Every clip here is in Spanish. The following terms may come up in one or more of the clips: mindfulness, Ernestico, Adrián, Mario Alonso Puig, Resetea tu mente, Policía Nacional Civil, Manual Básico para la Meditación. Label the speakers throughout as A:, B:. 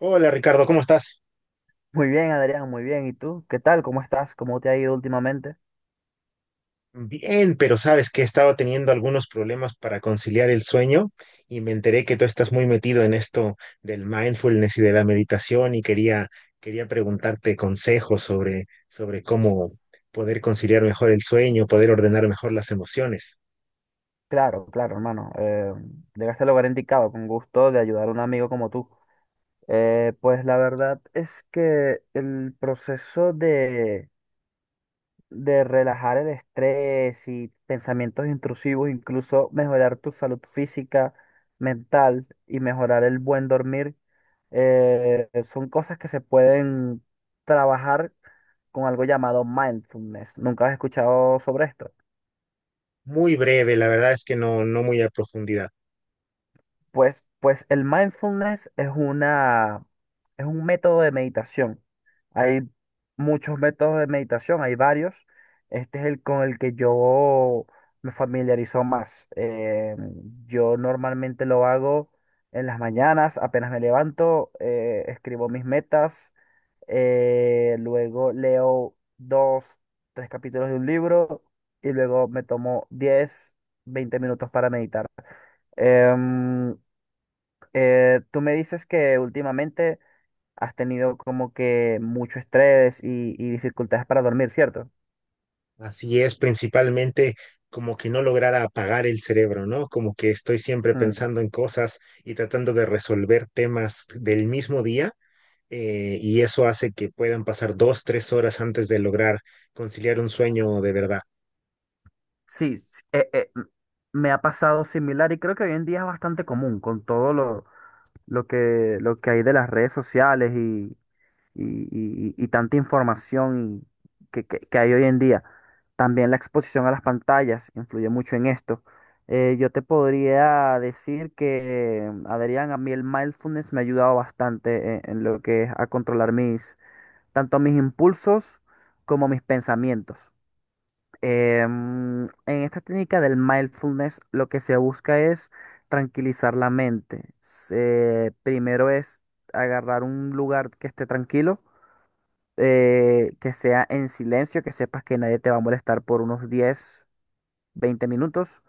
A: Hola, Ricardo, ¿cómo estás?
B: Muy bien, Adrián, muy bien. ¿Y tú? ¿Qué tal? ¿Cómo estás? ¿Cómo te ha ido últimamente?
A: Bien, pero sabes que he estado teniendo algunos problemas para conciliar el sueño y me enteré que tú estás muy metido en esto del mindfulness y de la meditación y quería preguntarte consejos sobre cómo poder conciliar mejor el sueño, poder ordenar mejor las emociones.
B: Claro, claro, hermano. Llegaste al lugar indicado, con gusto de ayudar a un amigo como tú. Pues la verdad es que el proceso de relajar el estrés y pensamientos intrusivos, incluso mejorar tu salud física, mental y mejorar el buen dormir, son cosas que se pueden trabajar con algo llamado mindfulness. ¿Nunca has escuchado sobre esto?
A: Muy breve, la verdad es que no muy a profundidad.
B: Pues el es un método de meditación. Hay muchos métodos de meditación, hay varios. Este es el con el que yo me familiarizo más. Yo normalmente lo hago en las mañanas, apenas me levanto, escribo mis metas, luego leo dos, tres capítulos de un libro y luego me tomo 10 20 minutos para meditar. Em, Tú me dices que últimamente has tenido como que mucho estrés y dificultades para dormir, ¿cierto?
A: Así es, principalmente como que no lograra apagar el cerebro, ¿no? Como que estoy siempre
B: Mm.
A: pensando en cosas y tratando de resolver temas del mismo día, y eso hace que puedan pasar dos, tres horas antes de lograr conciliar un sueño de verdad.
B: Sí, s- eh, eh, m- Me ha pasado similar y creo que hoy en día es bastante común con todo lo que hay de las redes sociales y tanta información que hay hoy en día. También la exposición a las pantallas influye mucho en esto. Yo te podría decir que, Adrián, a mí el mindfulness me ha ayudado bastante en lo que es a controlar mis, tanto mis impulsos como mis pensamientos. En esta técnica del mindfulness, lo que se busca es tranquilizar la mente. Primero es agarrar un lugar que esté tranquilo, que sea en silencio, que sepas que nadie te va a molestar por unos 10, 20 minutos.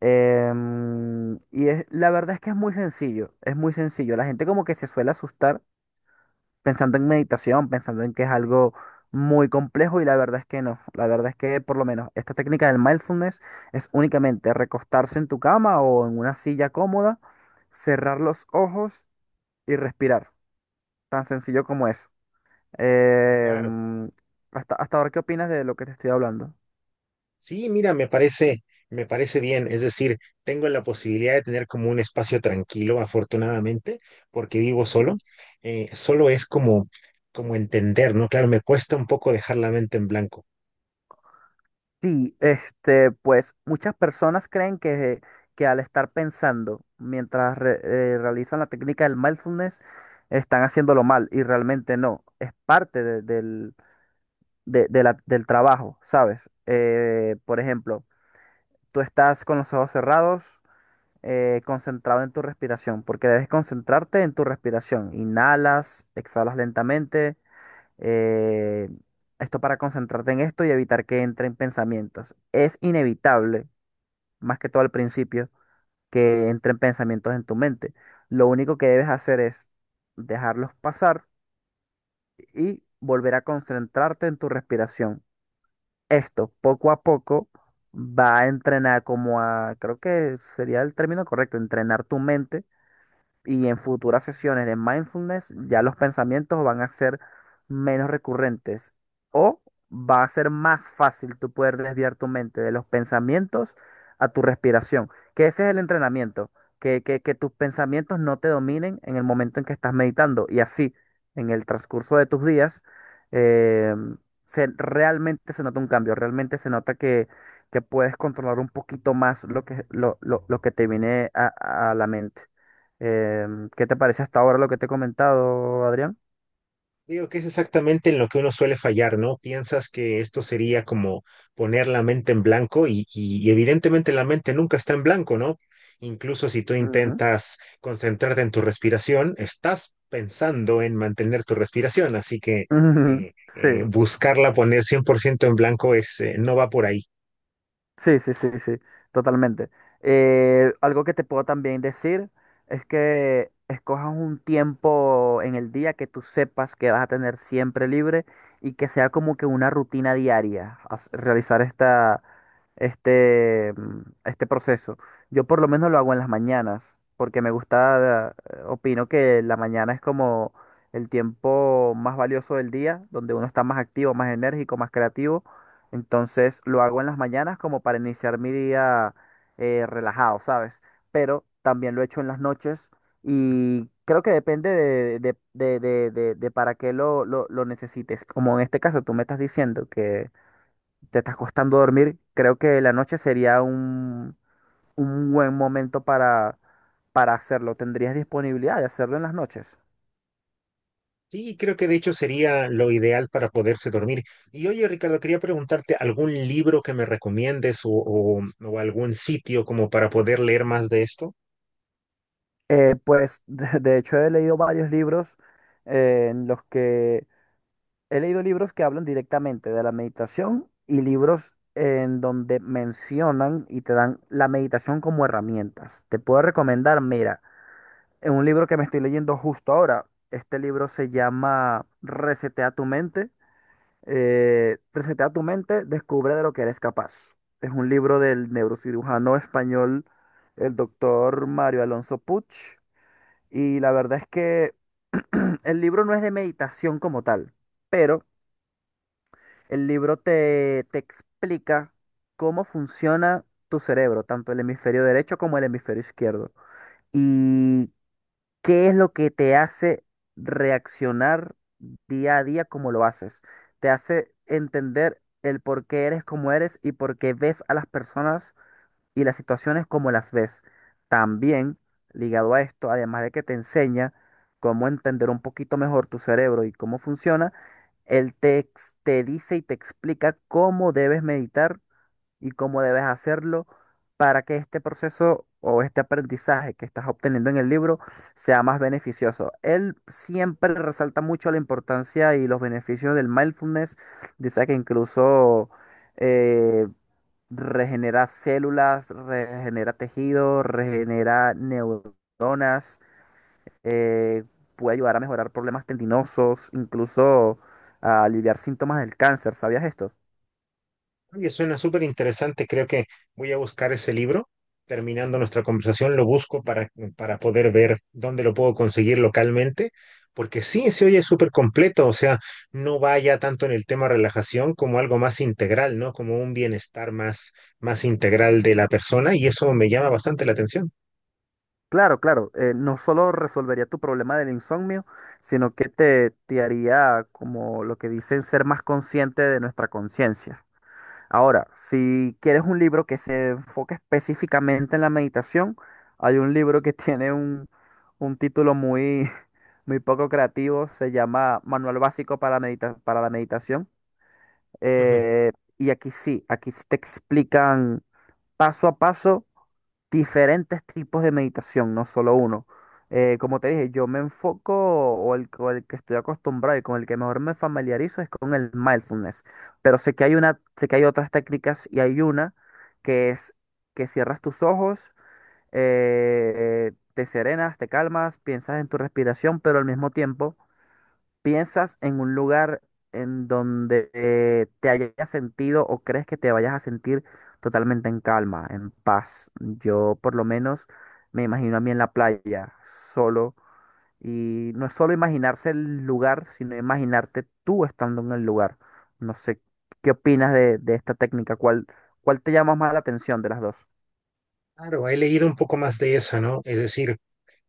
B: Y es, la verdad es que es muy sencillo, es muy sencillo. La gente como que se suele asustar pensando en meditación, pensando en que es algo muy complejo y la verdad es que no. La verdad es que por lo menos esta técnica del mindfulness es únicamente recostarse en tu cama o en una silla cómoda, cerrar los ojos y respirar. Tan sencillo como es. Eh,
A: Claro.
B: mm, Hasta, hasta ahora, ¿qué opinas de lo que te estoy hablando?
A: Sí, mira, me parece bien. Es decir, tengo la posibilidad de tener como un espacio tranquilo, afortunadamente, porque vivo solo. Solo es como, como entender, ¿no? Claro, me cuesta un poco dejar la mente en blanco.
B: Sí, este, pues muchas personas creen que al estar pensando mientras realizan la técnica del mindfulness, están haciéndolo mal y realmente no, es parte del, del trabajo, ¿sabes? Por ejemplo, tú estás con los ojos cerrados, concentrado en tu respiración, porque debes concentrarte en tu respiración. Inhalas, exhalas lentamente, eh, esto para concentrarte en esto y evitar que entren pensamientos. Es inevitable, más que todo al principio, que entren pensamientos en tu mente. Lo único que debes hacer es dejarlos pasar y volver a concentrarte en tu respiración. Esto, poco a poco, va a entrenar como a, creo que sería el término correcto, entrenar tu mente. Y en futuras sesiones de mindfulness ya los pensamientos van a ser menos recurrentes o va a ser más fácil tú poder desviar tu mente de los pensamientos a tu respiración, que ese es el entrenamiento, que tus pensamientos no te dominen en el momento en que estás meditando y así en el transcurso de tus días, eh, se, realmente se nota un cambio, realmente se nota que puedes controlar un poquito más lo lo que te viene a la mente. ¿Qué te parece hasta ahora lo que te he comentado, Adrián?
A: Digo que es exactamente en lo que uno suele fallar, ¿no? Piensas que esto sería como poner la mente en blanco y evidentemente la mente nunca está en blanco, ¿no? Incluso si tú intentas concentrarte en tu respiración, estás pensando en mantener tu respiración, así que
B: Ujú. Sí.
A: buscarla poner 100% en blanco es, no va por ahí.
B: Sí, sí, sí, sí, totalmente. Algo que te puedo también decir es que escojas un tiempo en el día que tú sepas que vas a tener siempre libre y que sea como que una rutina diaria realizar este proceso. Yo por lo menos lo hago en las mañanas porque me gusta, opino que la mañana es como el tiempo más valioso del día, donde uno está más activo, más enérgico, más creativo, entonces lo hago en las mañanas como para iniciar mi día relajado, ¿sabes? Pero también lo he hecho en las noches y creo que depende de para qué lo necesites. Como en este caso tú me estás diciendo que te estás costando dormir, creo que la noche sería un buen momento para hacerlo. ¿Tendrías disponibilidad de hacerlo en las noches?
A: Sí, creo que de hecho sería lo ideal para poderse dormir. Y oye, Ricardo, quería preguntarte algún libro que me recomiendes o algún sitio como para poder leer más de esto.
B: Pues de hecho he leído varios libros en los que He leído libros que hablan directamente de la meditación y libros en donde mencionan y te dan la meditación como herramientas. Te puedo recomendar, mira, en un libro que me estoy leyendo justo ahora. Este libro se llama Resetea tu mente. Resetea tu mente, descubre de lo que eres capaz. Es un libro del neurocirujano español, el doctor Mario Alonso Puig. Y la verdad es que el libro no es de meditación como tal, pero el libro te explica cómo funciona tu cerebro, tanto el hemisferio derecho como el hemisferio izquierdo, y qué es lo que te hace reaccionar día a día como lo haces. Te hace entender el por qué eres como eres y por qué ves a las personas y las situaciones como las ves. También, ligado a esto, además de que te enseña cómo entender un poquito mejor tu cerebro y cómo funciona, te dice y te explica cómo debes meditar y cómo debes hacerlo para que este proceso o este aprendizaje que estás obteniendo en el libro sea más beneficioso. Él siempre resalta mucho la importancia y los beneficios del mindfulness. Dice que incluso, eh, regenera células, regenera tejido, regenera neuronas, eh, puede ayudar a mejorar problemas tendinosos, incluso a aliviar síntomas del cáncer. ¿Sabías esto?
A: Oye, suena súper interesante. Creo que voy a buscar ese libro. Terminando nuestra conversación, lo busco para poder ver dónde lo puedo conseguir localmente. Porque sí, se oye súper completo. O sea, no vaya tanto en el tema relajación como algo más integral, ¿no? Como un bienestar más integral de la persona. Y eso me llama bastante la atención.
B: Claro, claro, no solo resolvería tu problema del insomnio, sino que te haría como lo que dicen ser más consciente de nuestra conciencia. Ahora, si quieres un libro que se enfoque específicamente en la meditación, hay un libro que tiene un título muy, muy poco creativo, se llama Manual Básico para la Meditación.
A: Ujú.
B: Eh, y aquí sí te explican paso a paso diferentes tipos de meditación, no solo uno. Como te dije, yo me enfoco o el que estoy acostumbrado y con el que mejor me familiarizo es con el mindfulness. Pero sé que hay otras técnicas y hay una que es que cierras tus ojos, te serenas, te calmas, piensas en tu respiración, pero al mismo tiempo. ¿Piensas en un lugar en donde, te hayas sentido o crees que te vayas a sentir totalmente en calma, en paz? Yo por lo menos me imagino a mí en la playa, solo, y no es solo imaginarse el lugar, sino imaginarte tú estando en el lugar. No sé, ¿qué opinas de esta técnica? ¿Cuál, cuál te llama más la atención de las dos?
A: Claro, he leído un poco más de eso, ¿no? Es decir,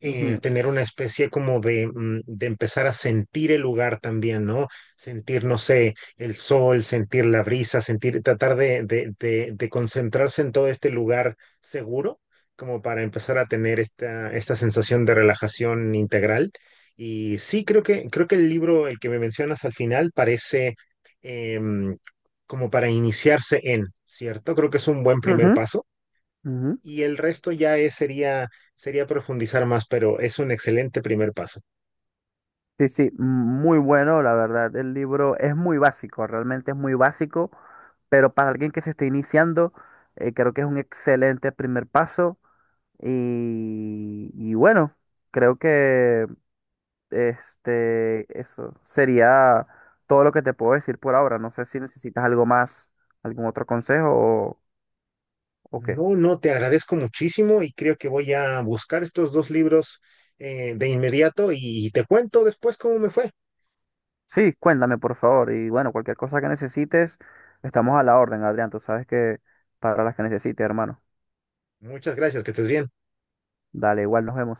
B: Ujú,
A: tener una especie como de de empezar a sentir el lugar también, ¿no? Sentir, no sé, el sol, sentir la brisa, sentir, tratar de concentrarse en todo este lugar seguro, como para empezar a tener esta sensación de relajación integral. Y sí, creo que el libro, el que me mencionas al final, parece em, como para iniciarse en, ¿cierto? Creo que es un buen primer
B: ujú,
A: paso.
B: ujú.
A: Y el resto ya sería profundizar más, pero es un excelente primer paso.
B: Sí, sí, muy bueno, la verdad. El libro es muy básico, realmente es muy básico, pero para alguien que se está iniciando, creo que es un excelente primer paso. Y bueno, creo que este, eso sería todo lo que te puedo decir por ahora. No sé si necesitas algo más, algún otro consejo o qué.
A: No, no, te agradezco muchísimo y creo que voy a buscar estos dos libros de inmediato y te cuento después cómo me fue.
B: Sí, cuéntame, por favor. Y bueno, cualquier cosa que necesites, estamos a la orden, Adrián. Tú sabes que para las que necesites, hermano.
A: Muchas gracias, que estés bien.
B: Dale, igual nos vemos.